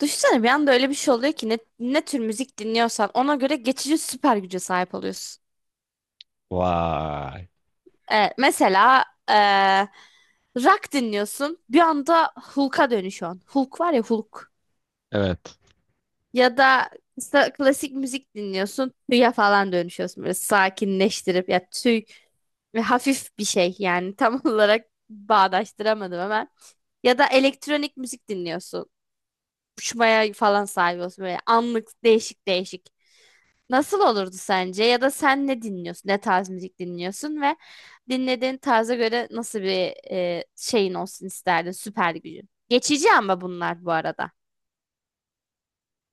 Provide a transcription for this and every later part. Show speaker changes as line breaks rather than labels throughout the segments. Düşünsene bir anda öyle bir şey oluyor ki ne tür müzik dinliyorsan ona göre geçici süper güce sahip oluyorsun.
Vay.
Evet, mesela rock dinliyorsun bir anda Hulk'a dönüşüyorsun. Hulk var ya Hulk.
Evet.
Ya da klasik müzik dinliyorsun tüye falan dönüşüyorsun böyle sakinleştirip ya tüy ve hafif bir şey yani tam olarak bağdaştıramadım hemen. Ya da elektronik müzik dinliyorsun. Uçmaya falan sahip olsun böyle anlık değişik değişik. Nasıl olurdu sence? Ya da sen ne dinliyorsun? Ne tarz müzik dinliyorsun ve dinlediğin tarza göre nasıl bir şeyin olsun isterdin? Süper gücün. Geçici ama bunlar bu arada.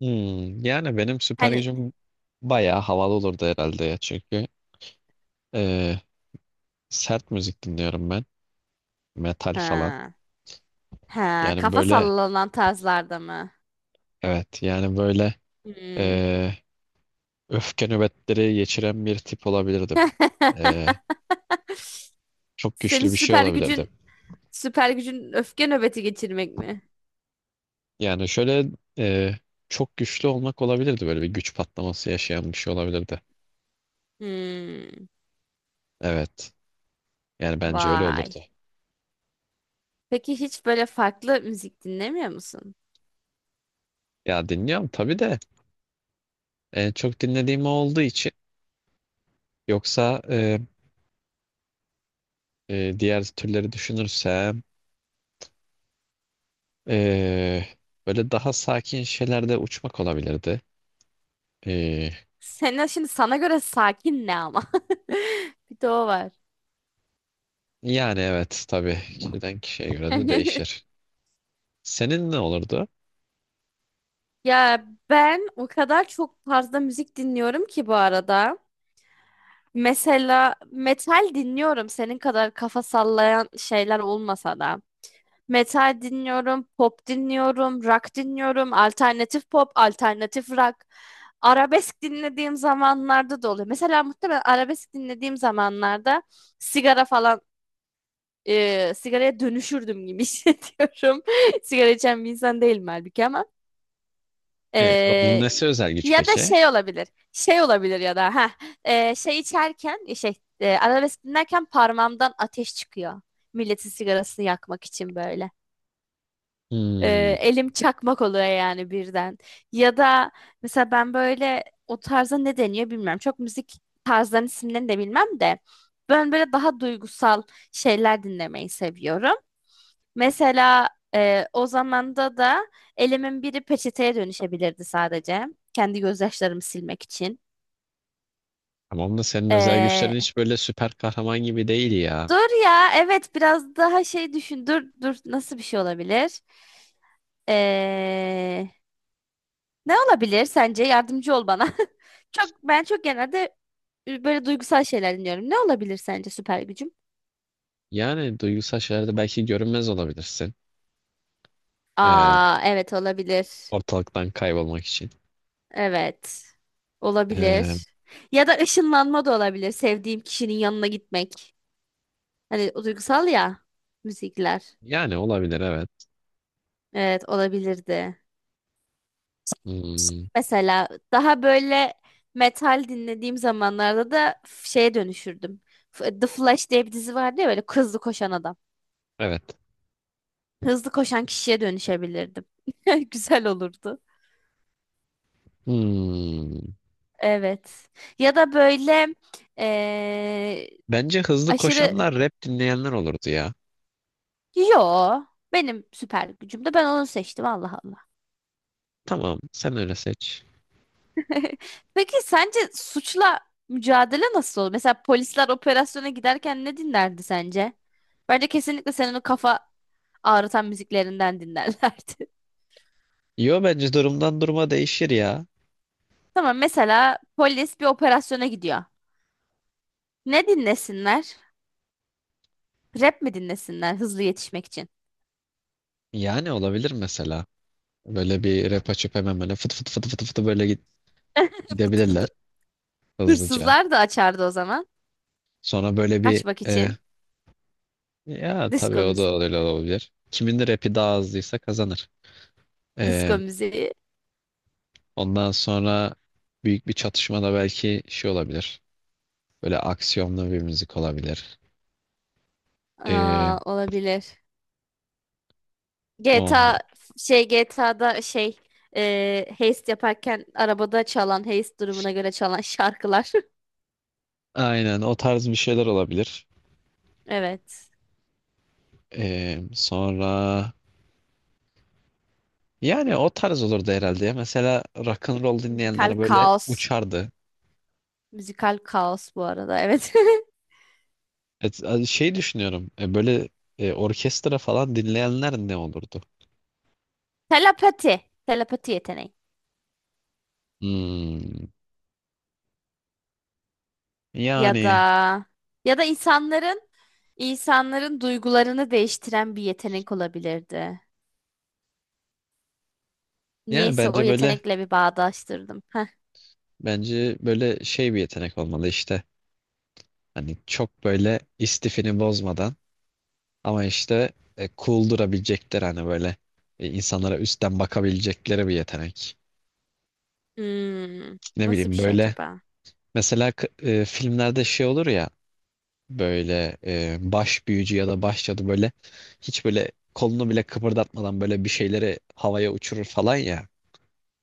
Hmm, yani benim süper
Hani
gücüm bayağı havalı olurdu herhalde ya çünkü eee, sert müzik dinliyorum ben. Metal falan.
ha, ha,
Yani
kafa
böyle
sallanan tarzlarda mı?
evet yani böyle
Hmm.
eee, öfke nöbetleri geçiren bir tip olabilirdim. Eee, çok
Senin
güçlü bir şey
süper
olabilirdim.
gücün süper gücün öfke nöbeti geçirmek mi?
Yani şöyle eee, çok güçlü olmak olabilirdi, böyle bir güç patlaması yaşayan bir şey olabilirdi.
Hmm.
Evet. Yani bence öyle
Vay.
olurdu.
Peki hiç böyle farklı müzik dinlemiyor musun?
Ya dinliyorum tabii de, en çok dinlediğim o olduğu için. Yoksa diğer türleri düşünürsem, e, böyle daha sakin şeylerde uçmak olabilirdi. E,
Senin şimdi sana göre sakin ne ama? Bir de o var.
yani evet tabii kişiden kişiye göre de değişir. Senin ne olurdu?
Ya ben o kadar çok fazla müzik dinliyorum ki bu arada. Mesela metal dinliyorum senin kadar kafa sallayan şeyler olmasa da. Metal dinliyorum, pop dinliyorum, rock dinliyorum, alternatif pop, alternatif rock. Arabesk dinlediğim zamanlarda da oluyor. Mesela muhtemelen arabesk dinlediğim zamanlarda sigara falan sigaraya dönüşürdüm gibi hissediyorum. Sigara içen bir insan değilim halbuki ama.
Onun
Ee,
nesi özel güç
ya da
peki?
şey olabilir. Şey olabilir ya da ha şey içerken şey arabesk dinlerken parmağımdan ateş çıkıyor. Milletin sigarasını yakmak için böyle.
Hmm,
Elim çakmak oluyor yani birden. Ya da mesela ben böyle o tarza ne deniyor bilmiyorum. Çok müzik tarzlarının isimlerini de bilmem de ben böyle daha duygusal şeyler dinlemeyi seviyorum. Mesela o zamanda da elimin biri peçeteye dönüşebilirdi sadece. Kendi gözyaşlarımı silmek için.
tamam da senin özel
E,
güçlerin hiç böyle süper kahraman gibi değil ya.
dur ya evet biraz daha şey düşün. Dur dur nasıl bir şey olabilir? E, ne olabilir sence? Yardımcı ol bana. Ben çok genelde böyle duygusal şeyler dinliyorum. Ne olabilir sence süper gücüm?
Yani duygusal şeylerde belki görünmez olabilirsin. E,
Aa evet olabilir.
ortalıktan kaybolmak için.
Evet.
E,
Olabilir. Ya da ışınlanma da olabilir. Sevdiğim kişinin yanına gitmek. Hani o duygusal ya müzikler.
yani olabilir evet.
Evet olabilirdi.
Hmm,
Mesela daha böyle metal dinlediğim zamanlarda da şeye dönüşürdüm. The Flash diye bir dizi vardı ya böyle hızlı koşan adam.
evet.
Hızlı koşan kişiye dönüşebilirdim. Güzel olurdu.
Hmm.
Evet. Ya da böyle eee,
Bence hızlı
aşırı
koşanlar rap dinleyenler olurdu ya.
Yo. Benim süper gücüm de ben onu seçtim Allah Allah.
Tamam, sen öyle seç.
Peki sence suçla mücadele nasıl olur? Mesela polisler operasyona giderken ne dinlerdi sence? Bence kesinlikle senin o kafa ağrıtan müziklerinden dinlerlerdi.
Yo, bence durumdan duruma değişir ya.
Tamam mesela polis bir operasyona gidiyor. Ne dinlesinler? Rap mi dinlesinler hızlı yetişmek için?
Yani olabilir mesela. Böyle bir rap açıp hemen böyle fıt fıt fıt fıt fıt böyle
Fıtı fıtı.
gidebilirler hızlıca.
Hırsızlar da açardı o zaman.
Sonra böyle bir
Kaçmak için.
ya tabii
Disko
o da
müziği.
öyle olabilir. Kimin de rapi daha hızlıysa kazanır. E,
Disko müziği.
ondan sonra büyük bir çatışmada belki şey olabilir. Böyle aksiyonlu bir müzik olabilir. E,
Aa, olabilir.
ondan.
GTA şey GTA'da şey heist yaparken arabada çalan heist durumuna göre çalan şarkılar.
Aynen o tarz bir şeyler olabilir.
Evet.
Sonra yani o tarz olurdu herhalde ya. Mesela rock and roll
Müzikal
dinleyenler böyle
kaos.
uçardı.
Müzikal kaos bu arada. Evet.
Et, şey düşünüyorum. Böyle orkestra falan dinleyenler ne olurdu?
Telepati. Telepati yeteneği.
Hmm,
Ya da
yani
ya da insanların duygularını değiştiren bir yetenek olabilirdi.
yani
Niyeyse o
bence böyle
yetenekle bir bağdaştırdım. Heh.
bence böyle şey bir yetenek olmalı işte. Hani çok böyle istifini bozmadan ama işte cool durabilecekler, hani böyle insanlara üstten bakabilecekleri bir yetenek.
Hmm.
Ne
Nasıl bir
bileyim
şey
böyle
acaba?
mesela filmlerde şey olur ya, böyle baş büyücü ya da baş cadı böyle hiç böyle kolunu bile kıpırdatmadan böyle bir şeyleri havaya uçurur falan ya.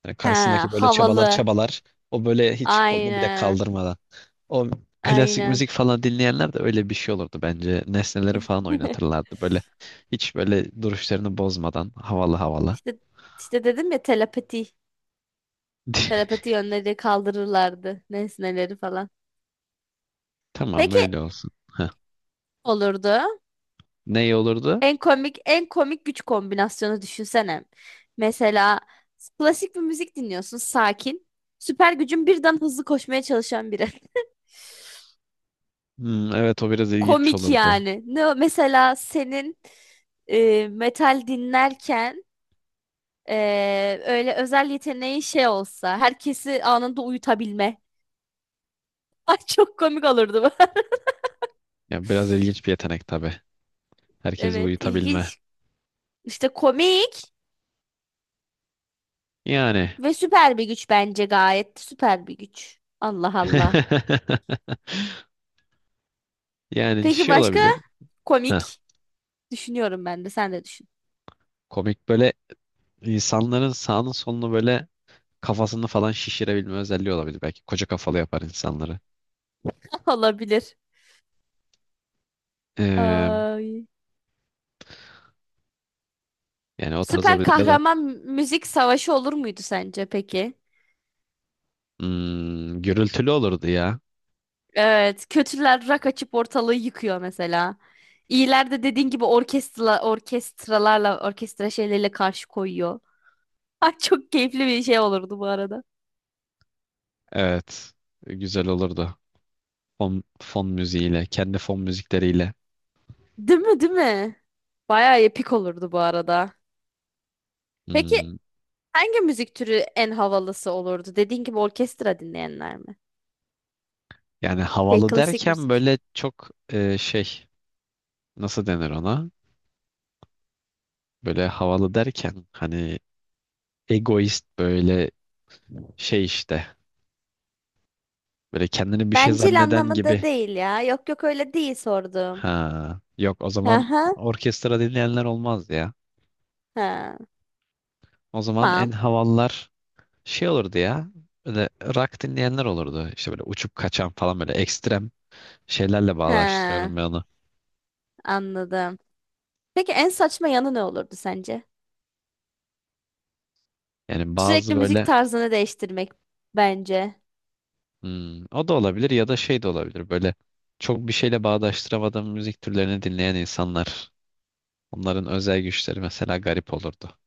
Yani
Ha,
karşısındaki böyle çabalar
havalı.
çabalar, o böyle hiç kolunu bile
Aynen.
kaldırmadan. O klasik
Aynen.
müzik falan dinleyenler de öyle bir şey olurdu bence. Nesneleri falan oynatırlardı böyle hiç böyle duruşlarını bozmadan havalı havalı.
İşte işte dedim ya telepati. Telepati yönleri kaldırırlardı. Nesneleri falan.
Tamam
Peki
öyle olsun. Heh.
olurdu.
Ne iyi olurdu?
En komik en komik güç kombinasyonu düşünsene. Mesela klasik bir müzik dinliyorsun sakin. Süper gücün birden hızlı koşmaya çalışan biri.
Hmm, evet o biraz ilginç
Komik
olurdu.
yani. Mesela senin metal dinlerken öyle özel yeteneği şey olsa herkesi anında uyutabilme. Ay çok komik olurdu bu.
Ya biraz ilginç bir yetenek tabii. Herkesi
Evet,
uyutabilme.
ilginç. İşte komik
Yani
ve süper bir güç bence gayet süper bir güç. Allah Allah.
yani
Peki
şey
başka
olabilir. Heh,
komik düşünüyorum ben de sen de düşün.
komik böyle insanların sağını solunu böyle kafasını falan şişirebilme özelliği olabilir. Belki koca kafalı yapar insanları.
Olabilir.
Ee,
Ay.
yani o tarz
Süper
olabilir ya da
kahraman müzik savaşı olur muydu sence peki?
hmm, gürültülü olurdu ya.
Evet, kötüler rak açıp ortalığı yıkıyor mesela. İyiler de dediğin gibi orkestralarla orkestra şeyleriyle karşı koyuyor. Ay çok keyifli bir şey olurdu bu arada.
Evet. Güzel olurdu. Fon, fon müziğiyle, kendi fon müzikleriyle.
Değil mi, değil mi? Bayağı epik olurdu bu arada. Peki
Hmm,
hangi müzik türü en havalısı olurdu? Dediğin gibi orkestra dinleyenler mi?
yani
Şey
havalı
klasik
derken
müzik.
böyle çok şey, nasıl denir ona? Böyle havalı derken hani egoist böyle şey işte. Böyle kendini bir şey
Bencil
zanneden
anlamında
gibi.
değil ya. Yok yok öyle değil sordum.
Ha, yok o zaman
Aha,
orkestra dinleyenler olmaz ya.
ha,
O zaman en
tamam.
havalılar şey olurdu ya. Böyle rock dinleyenler olurdu. İşte böyle uçup kaçan falan böyle ekstrem şeylerle bağdaştırıyorum
Ha,
ben onu.
anladım. Peki en saçma yanı ne olurdu sence?
Yani bazı
Sürekli müzik
böyle
tarzını değiştirmek bence.
hmm, o da olabilir ya da şey de olabilir. Böyle çok bir şeyle bağdaştıramadığım müzik türlerini dinleyen insanlar. Onların özel güçleri mesela garip olurdu.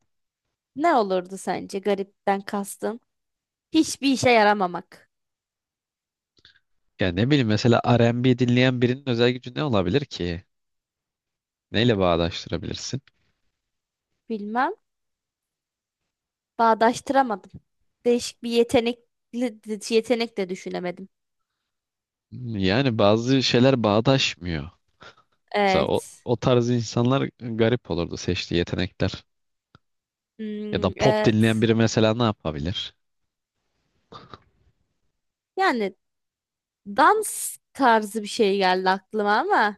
Ne olurdu sence garipten kastın? Hiçbir işe yaramamak.
Yani ne bileyim, mesela R&B dinleyen birinin özel gücü ne olabilir ki? Neyle bağdaştırabilirsin?
Bilmem. Bağdaştıramadım. Değişik bir yetenekli, yetenek de düşünemedim.
Yani bazı şeyler bağdaşmıyor. Mesela o,
Evet.
o tarz insanlar garip olurdu seçtiği yetenekler. Ya da
Hmm,
pop dinleyen
evet.
biri mesela ne yapabilir?
Yani dans tarzı bir şey geldi aklıma ama.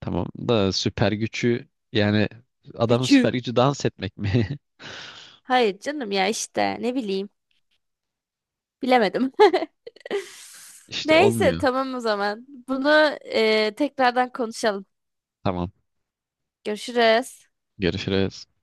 Tamam da süper gücü yani adamın
Üçü.
süper gücü dans etmek mi?
Hayır canım ya işte ne bileyim. Bilemedim.
İşte
Neyse
olmuyor.
tamam o zaman. Bunu tekrardan konuşalım.
Tamam.
Görüşürüz.
Görüşürüz.